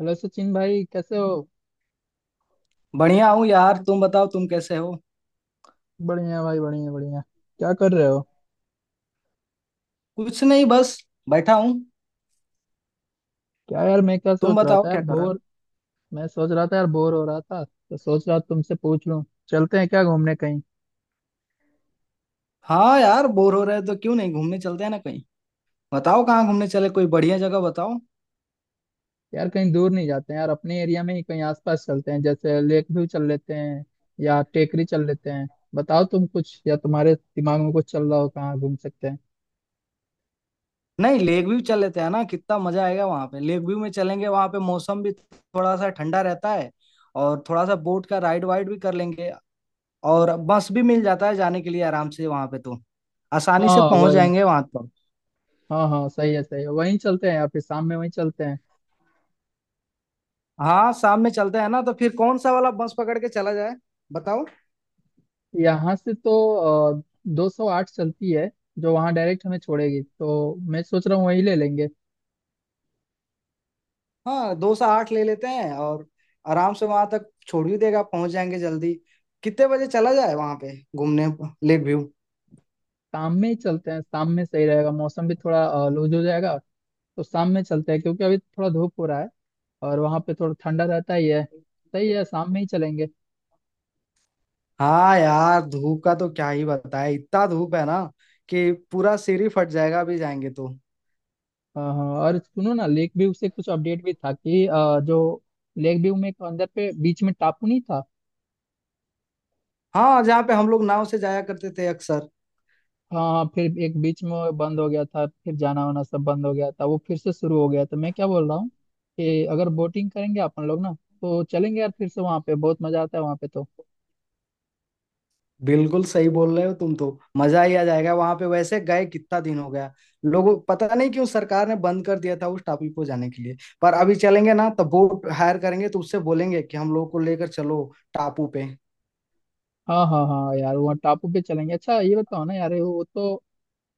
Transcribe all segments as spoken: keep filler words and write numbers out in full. Hello Sachin भाई, कैसे हो। बढ़िया हूँ यार। तुम बताओ तुम कैसे हो। बढ़िया भाई, बढ़िया बढ़िया क्या कर रहे हो। कुछ नहीं, बस बैठा हूँ। क्या यार, मैं क्या तुम सोच रहा बताओ था यार, क्या कर रहे हो। बोर। मैं सोच रहा था यार, बोर हो रहा था तो सोच रहा तुमसे पूछ लूं। चलते हैं क्या घूमने कहीं। हाँ यार, बोर हो रहे हो तो क्यों नहीं घूमने चलते हैं ना कहीं। बताओ कहाँ घूमने चले, कोई बढ़िया जगह बताओ। यार कहीं दूर नहीं जाते हैं यार, अपने एरिया में ही कहीं आसपास चलते हैं, जैसे लेक व्यू चल लेते हैं या टेकरी चल लेते हैं। बताओ तुम कुछ, या तुम्हारे दिमाग में कुछ चल रहा हो कहाँ घूम सकते हैं। नहीं, लेक व्यू चल लेते हैं ना, कितना मजा आएगा वहाँ पे। लेक व्यू में चलेंगे, वहाँ पे मौसम भी थोड़ा सा ठंडा रहता है। और थोड़ा सा बोट का राइड वाइड भी कर लेंगे। और बस भी मिल जाता है जाने के लिए आराम से वहाँ पे, तो आसानी से हाँ, पहुंच वही। जाएंगे वहां पर। हाँ हाँ, सही है सही है, वहीं चलते हैं, या फिर शाम में वहीं चलते हैं। हाँ शाम में चलते हैं ना, तो फिर कौन सा वाला बस पकड़ के चला जाए, बताओ। यहाँ से तो दो सौ आठ चलती है, जो वहाँ डायरेक्ट हमें छोड़ेगी, तो मैं सोच रहा हूँ वही ले लेंगे। हाँ दो से आठ ले लेते हैं, और आराम से वहां तक छोड़ भी देगा, पहुंच जाएंगे जल्दी। कितने बजे चला जाए वहां पे घूमने, लेक व्यू। शाम में ही चलते हैं, शाम में सही रहेगा, मौसम भी थोड़ा लूज हो जाएगा। तो शाम में चलते हैं क्योंकि अभी थोड़ा धूप हो रहा है, और वहाँ पे थोड़ा ठंडा रहता ही है। सही है, शाम में ही चलेंगे। हाँ यार, धूप का तो क्या ही बताए, इतना धूप है ना कि पूरा सिर ही फट जाएगा अभी जाएंगे तो। हाँ हाँ, और सुनो ना, लेक व्यू से कुछ अपडेट भी था कि अ, जो लेक व्यू में एक अंदर पे बीच में टापू नहीं था। हाँ, जहाँ पे हम लोग नाव से जाया करते थे अक्सर। हाँ, फिर एक बीच में वो बंद हो गया था, फिर जाना वाना सब बंद हो गया था, वो फिर से शुरू हो गया। तो मैं क्या बोल रहा हूँ कि अगर बोटिंग करेंगे अपन लोग ना, तो चलेंगे यार फिर से, वहाँ पे बहुत मजा आता है वहाँ पे तो। बिल्कुल सही बोल रहे हो तुम तो। मजा ही आ जाएगा वहां पे, वैसे गए कितना दिन हो गया लोगों। पता नहीं क्यों सरकार ने बंद कर दिया था उस टापू को जाने के लिए। पर अभी चलेंगे ना तो बोट हायर करेंगे, तो उससे बोलेंगे कि हम लोग को लेकर चलो टापू पे। हाँ हाँ हाँ, यार वहाँ टापू पे चलेंगे। अच्छा, ये बताओ ना यार, वो तो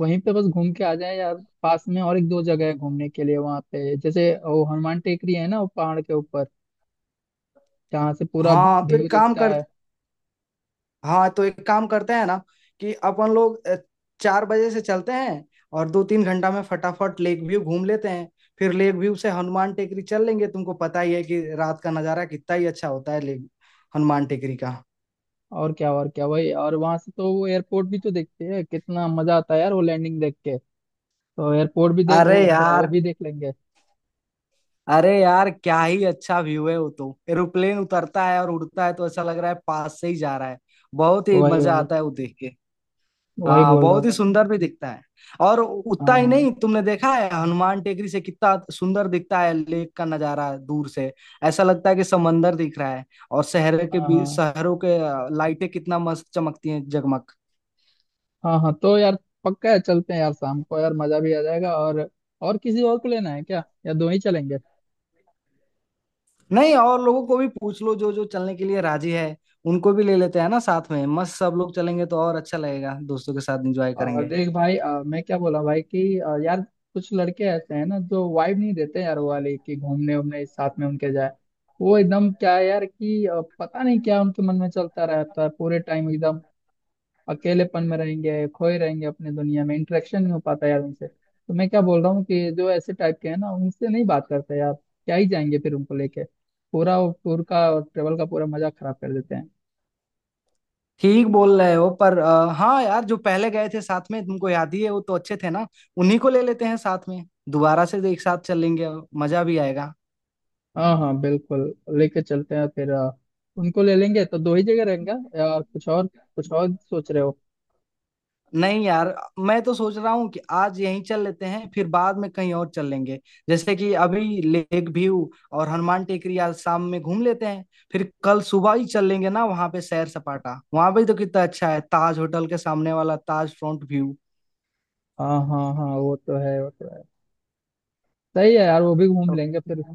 वहीं पे बस घूम के आ जाए यार। पास में और एक दो जगह है घूमने के लिए वहाँ पे, जैसे वो हनुमान टेकरी है ना, वो पहाड़ के ऊपर जहाँ से पूरा हाँ तो व्यू एक काम दिखता कर है। हाँ तो एक काम करते हैं ना, कि अपन लोग अ, चार बजे से चलते हैं। और दो तीन घंटा में फटाफट लेक व्यू घूम लेते हैं। फिर लेक व्यू से हनुमान टेकरी चल लेंगे, तुमको पता ही है कि रात का नजारा कितना ही अच्छा होता है लेक, हनुमान टेकरी का। और क्या और क्या, वही। और वहां से तो वो एयरपोर्ट भी तो देखते हैं, कितना मजा आता है यार वो लैंडिंग देख के। तो एयरपोर्ट भी देख, अरे वो थोड़ा वो यार, भी देख लेंगे। अरे यार क्या ही अच्छा व्यू है वो तो। एरोप्लेन उतरता है और उड़ता है तो ऐसा लग रहा है पास से ही जा रहा है। बहुत तो ही वही मजा वही, आता है वो देख के। वही हाँ बोल रहा हूँ बहुत ही मैं। सुंदर भी दिखता है। और उतना हाँ ही हाँ नहीं, तुमने देखा है हनुमान टेकरी से कितना सुंदर दिखता है लेक का नजारा दूर से। ऐसा लगता है कि समंदर दिख रहा है। और शहर के हाँ बीच हाँ शहरों के अ, लाइटें कितना मस्त चमकती हैं, जगमग। हाँ हाँ, तो यार पक्का है, चलते हैं यार शाम को, यार मजा भी आ जाएगा। और और किसी और को लेना है क्या, या दो ही चलेंगे। नहीं और लोगों को भी पूछ लो जो जो चलने के लिए राजी है, उनको भी ले लेते हैं ना साथ में। मस्त सब लोग चलेंगे तो और अच्छा लगेगा, दोस्तों के साथ एंजॉय आ, करेंगे। देख भाई, आ, मैं क्या बोला भाई कि आ, यार कुछ लड़के ऐसे हैं ना जो वाइब नहीं देते यार, वो वाले कि घूमने उमने साथ में उनके जाए। वो एकदम क्या है यार कि आ, पता नहीं क्या उनके मन में चलता रहता है पूरे टाइम एकदम, अकेलेपन में रहेंगे, खोए रहेंगे अपने दुनिया में, इंटरेक्शन नहीं हो पाता यार उनसे। तो मैं क्या बोल रहा हूँ कि जो ऐसे टाइप के हैं ना, उनसे नहीं बात करते यार, क्या ही जाएंगे फिर उनको लेके। पूरा वो टूर का और ट्रेवल का पूरा मजा खराब कर देते हैं। ठीक बोल रहे हो, पर अ, हाँ यार, जो पहले गए थे साथ में, तुमको याद ही है वो तो अच्छे थे ना। उन्हीं को ले लेते हैं साथ में। दोबारा से एक साथ चलेंगे, मजा भी आएगा। हाँ हाँ बिल्कुल, लेके चलते हैं फिर। अ, उनको ले लेंगे तो दो ही जगह रहेंगे, या कुछ और कुछ और सोच रहे हो। नहीं यार, मैं तो सोच रहा हूँ कि आज यहीं चल लेते हैं, फिर बाद में कहीं और चल लेंगे। जैसे कि अभी लेक व्यू और हनुमान टेकरी आज शाम में घूम लेते हैं। फिर कल सुबह ही चल लेंगे ना वहां पे, सैर सपाटा वहां पे तो कितना अच्छा है, ताज होटल के सामने वाला ताज फ्रंट व्यू। हाँ हाँ हाँ, वो तो है, वो तो है। सही है यार, वो भी घूम लेंगे फिर।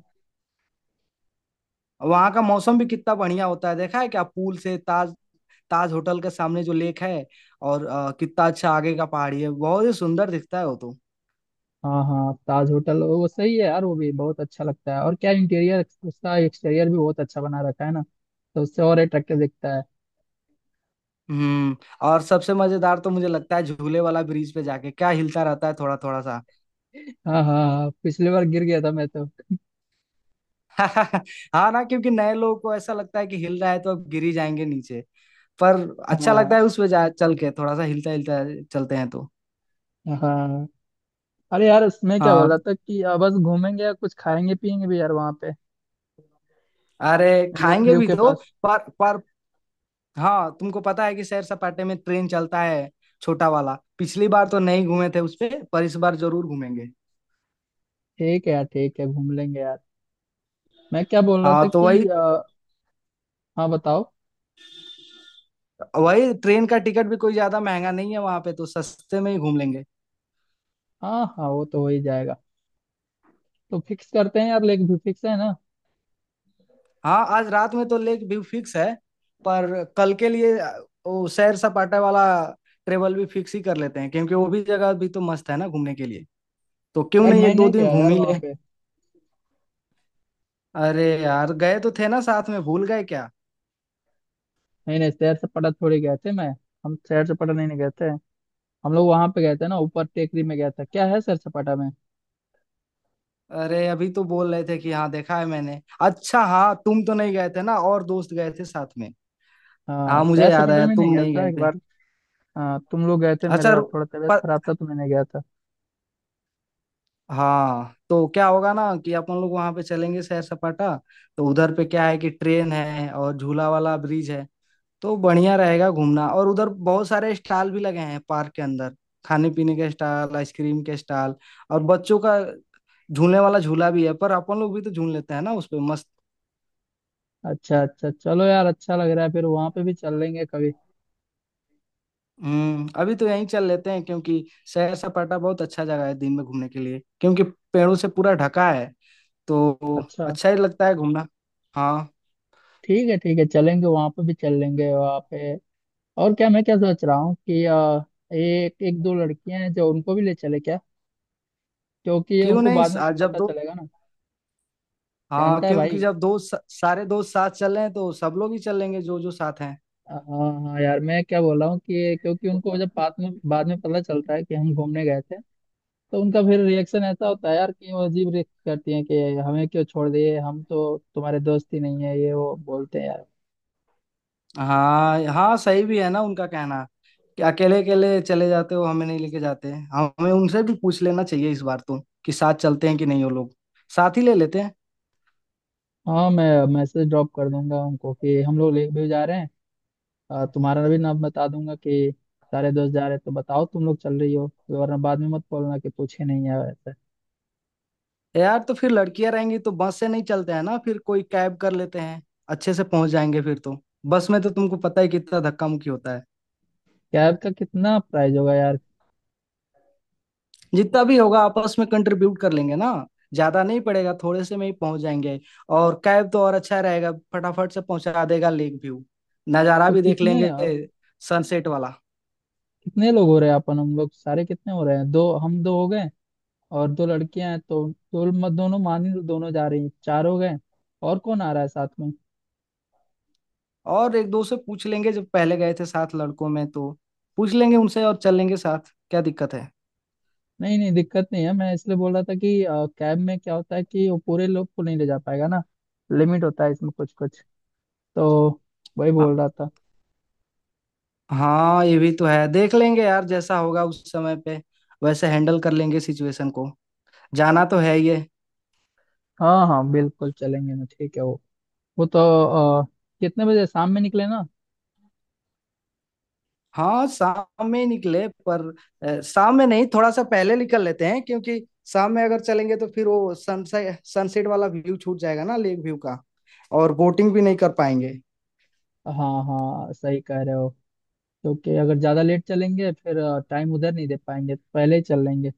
वहां का मौसम भी कितना बढ़िया होता है, देखा है क्या पूल से ताज, ताज होटल के सामने जो लेक है। और अ, कितना अच्छा आगे का पहाड़ी है, बहुत ही सुंदर दिखता है वो तो। हाँ हाँ, ताज होटल, वो सही है यार, वो भी बहुत अच्छा लगता है। और क्या इंटीरियर, उसका एक्सटीरियर भी बहुत अच्छा बना रखा है ना, तो उससे और अट्रैक्टिव दिखता है। हम्म। और सबसे मजेदार तो मुझे लगता है झूले वाला ब्रिज पे जाके, क्या हिलता रहता है थोड़ा थोड़ा सा। हाँ हाँ हाँ, पिछली बार गिर गया था मैं तो। हाँ ना, क्योंकि नए लोगों को ऐसा लगता है कि हिल रहा है तो अब गिर ही जाएंगे नीचे। पर अच्छा लगता हाँ। है उस पे जा चल के, थोड़ा सा हिलता हिलता चलते हैं तो। हाँ, अरे यार, मैं क्या बोल हाँ। रहा था कि आ, बस घूमेंगे या कुछ खाएंगे पियेंगे भी यार वहाँ पे, अरे, लेक खाएंगे व्यू भी के तो। पास। पर पर हाँ, तुमको पता है कि सैर सपाटे में ट्रेन चलता है, छोटा वाला। पिछली बार तो नहीं घूमे थे उस पे, पर इस बार जरूर घूमेंगे। ठीक है यार, ठीक है, घूम लेंगे यार। मैं क्या बोल रहा हाँ था तो कि वही। आ, हाँ बताओ। वही ट्रेन का टिकट भी कोई ज्यादा महंगा नहीं है वहां पे, तो सस्ते में ही घूम लेंगे। हाँ हाँ, वो तो हो ही जाएगा। तो फिक्स करते हैं यार, लेक व्यू फिक्स है ना। हाँ आज रात में तो लेक व्यू फिक्स है। पर कल के लिए वो सैर सपाटा वाला ट्रेवल भी फिक्स ही कर लेते हैं, क्योंकि वो भी जगह भी तो मस्त है ना घूमने के लिए। तो क्यों यार, नहीं मैं एक दो नहीं दिन गया घूम यार ही वहाँ ले। पे। अरे यार गए तो थे ना साथ में, भूल गए क्या। नहीं नहीं, शहर से पटना थोड़ी गए थे मैं। हम शहर से पटना नहीं, नहीं गए थे। हम लोग वहां पे गए थे ना, ऊपर टेकरी में गया था। क्या है शहर सपाटा में। अरे अभी तो बोल रहे थे कि हाँ देखा है मैंने। अच्छा हाँ, तुम तो नहीं गए थे ना, और दोस्त गए थे साथ में। हाँ, हाँ मुझे सैर याद सपाटा आया, में नहीं तुम गया नहीं था गए एक थे। बार। हाँ, तुम लोग गए थे, अच्छा मेरा रु- थोड़ा तबीयत प, खराब था तो मैं नहीं गया था। हाँ तो क्या होगा ना कि अपन लोग वहां पे चलेंगे सैर सपाटा। तो उधर पे क्या है कि ट्रेन है और झूला वाला ब्रिज है, तो बढ़िया रहेगा घूमना। और उधर बहुत सारे स्टॉल भी लगे हैं पार्क के अंदर, खाने पीने के स्टॉल, आइसक्रीम के स्टॉल। और बच्चों का झूलने वाला झूला भी है, पर अपन लोग भी तो झूल लेते हैं ना उस पे मस्त। अच्छा अच्छा, चलो यार, अच्छा लग रहा है, फिर वहां पे भी चल लेंगे कभी। हम्म अभी तो यहीं चल लेते हैं क्योंकि सैर सपाटा बहुत अच्छा जगह है दिन में घूमने के लिए, क्योंकि पेड़ों से पूरा ढका है तो अच्छा, अच्छा ही लगता है घूमना। हाँ। ठीक है ठीक है, चलेंगे वहां पे भी, चल लेंगे वहां पे। और क्या, मैं क्या सोच रहा हूँ कि आ, एक एक दो लड़कियां हैं, जो उनको भी ले चले क्या, क्योंकि ये क्यों उनको नहीं बाद में तब आज जब पता दो, चलेगा ना, हाँ जानता है भाई। क्योंकि जब दोस्त सारे दोस्त साथ चल रहे हैं तो सब लोग ही चलेंगे जो जो साथ हैं। हाँ हाँ हाँ, यार मैं क्या बोल रहा हूँ कि क्योंकि उनको जब बाद में बाद में पता चलता है कि हम घूमने गए थे, तो उनका फिर रिएक्शन ऐसा होता है यार कि वो अजीब रिएक्ट करती हैं कि हमें क्यों छोड़ दिए, हम तो तुम्हारे दोस्त ही नहीं है, ये वो बोलते हैं यार। हाँ हाँ, सही भी है ना उनका कहना, कि अकेले अकेले चले जाते हो, हमें नहीं लेके जाते। हमें उनसे भी पूछ लेना चाहिए इस बार तो, कि साथ चलते हैं कि नहीं वो लोग, साथ ही ले लेते हैं। हाँ, मैं मैसेज ड्रॉप कर दूंगा उनको कि हम लोग ले भी जा रहे हैं। अ, तुम्हारा भी नाम बता दूंगा कि सारे दोस्त जा रहे हैं, तो बताओ तुम लोग चल रही हो, वरना बाद में मत बोलना कि पूछे नहीं है वैसे। यार तो फिर लड़कियां रहेंगी तो बस से नहीं चलते हैं ना, फिर कोई कैब कर लेते हैं। अच्छे से पहुंच जाएंगे फिर तो। बस में तो तुमको पता ही कितना धक्का मुक्की होता है। कैब का कितना प्राइस होगा यार। जितना भी होगा आपस में कंट्रीब्यूट कर लेंगे ना, ज्यादा नहीं पड़ेगा, थोड़े से में ही पहुंच जाएंगे। और कैब तो और अच्छा रहेगा, फटाफट से पहुंचा देगा लेक व्यू, नज़ारा तो भी देख कितने लेंगे सनसेट वाला। कितने लोग हो रहे हैं अपन, हम लोग सारे कितने हो रहे हैं, दो हम दो हो गए, और दो लड़कियां हैं तो, दो म- दोनों मान ही लो, दोनों जा रही हैं, चार हो गए। और कौन आ रहा है साथ में। और एक दो से पूछ लेंगे, जब पहले गए थे साथ लड़कों में तो, पूछ लेंगे उनसे और चल लेंगे साथ, क्या दिक्कत है। नहीं नहीं, दिक्कत नहीं है, मैं इसलिए बोल रहा था कि अ, कैब में क्या होता है कि वो पूरे लोग को नहीं ले जा पाएगा ना, लिमिट होता है इसमें कुछ कुछ। तो वही हाँ बोल रहा था। हाँ, ये भी तो है, देख लेंगे यार जैसा होगा उस समय पे वैसे हैंडल कर लेंगे सिचुएशन को। जाना तो है ये। हाँ हाँ बिल्कुल चलेंगे ना। ठीक है, वो वो तो अ, कितने बजे शाम में निकले ना। हाँ शाम में ही निकले, पर अ, शाम में नहीं, थोड़ा सा पहले निकल लेते हैं, क्योंकि शाम में अगर चलेंगे तो फिर वो सनसेट सनसेट वाला व्यू छूट जाएगा ना लेक व्यू का, और बोटिंग भी नहीं कर पाएंगे। हाँ हाँ, सही कह रहे हो, क्योंकि अगर ज्यादा लेट चलेंगे फिर टाइम उधर नहीं दे पाएंगे, तो पहले ही चल लेंगे।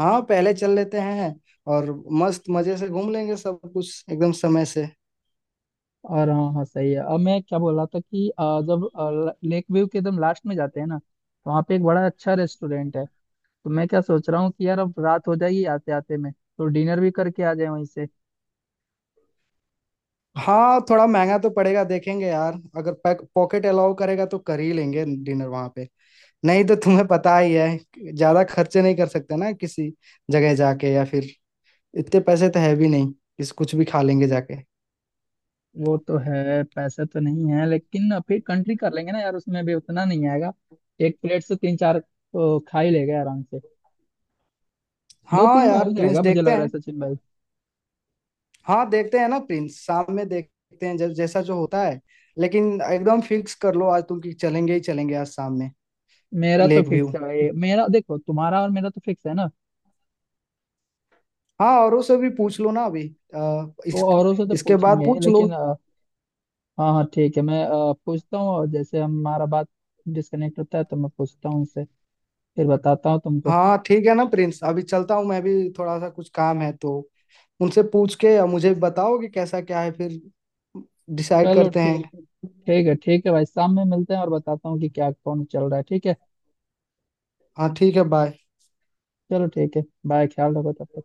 हाँ पहले चल लेते हैं, और मस्त मजे से घूम लेंगे सब कुछ एकदम समय से। और हाँ हाँ, सही है। अब मैं क्या बोल रहा था कि अ, जब लेक व्यू के एकदम लास्ट में जाते हैं ना, तो वहाँ पे एक बड़ा अच्छा रेस्टोरेंट है। तो मैं क्या सोच रहा हूँ कि यार, अब रात हो जाएगी आते आते में, तो डिनर भी करके आ जाए वहीं से। हाँ थोड़ा महंगा तो पड़ेगा, देखेंगे यार अगर पैक पॉकेट अलाउ करेगा तो कर ही लेंगे डिनर वहां पे। नहीं तो तुम्हें पता ही है, ज्यादा खर्चे नहीं कर सकते ना किसी जगह जाके। या फिर इतने पैसे तो है भी नहीं, किस कुछ भी खा लेंगे जाके। वो तो है, पैसा तो नहीं है, लेकिन फिर कंट्री कर लेंगे ना यार, उसमें भी उतना नहीं आएगा, एक प्लेट से तीन चार तो खा ही लेगा आराम से। दो हाँ तीन में यार हो प्रिंस, जाएगा, मुझे लग देखते रहा है हैं। सचिन भाई। हाँ देखते हैं ना प्रिंस, शाम में देखते हैं जब जैसा जो होता है। लेकिन एकदम फिक्स कर लो आज तुम, कि चलेंगे ही चलेंगे आज शाम में, मेरा तो लेक व्यू। फिक्स है भाई, मेरा देखो, तुम्हारा और मेरा तो फिक्स है ना। हाँ औरों से भी पूछ लो ना अभी, आ, वो इस, औरों से तो इसके बाद पूछेंगे पूछ लो। लेकिन हाँ हाँ ठीक है, मैं अ, पूछता हूँ, और जैसे हमारा बात डिस्कनेक्ट होता है तो मैं पूछता हूँ उससे, फिर बताता हूँ तुमको। हाँ ठीक है ना प्रिंस, अभी चलता हूँ मैं भी, थोड़ा सा कुछ काम है तो। उनसे पूछ के मुझे बताओ कि कैसा क्या है, फिर डिसाइड चलो करते हैं। ठीक है, ठीक है ठीक है भाई, शाम में मिलते हैं और बताता हूँ कि क्या कौन चल रहा है, ठीक है। हाँ ठीक है, बाय। चलो ठीक है, बाय, ख्याल रखो तब तक।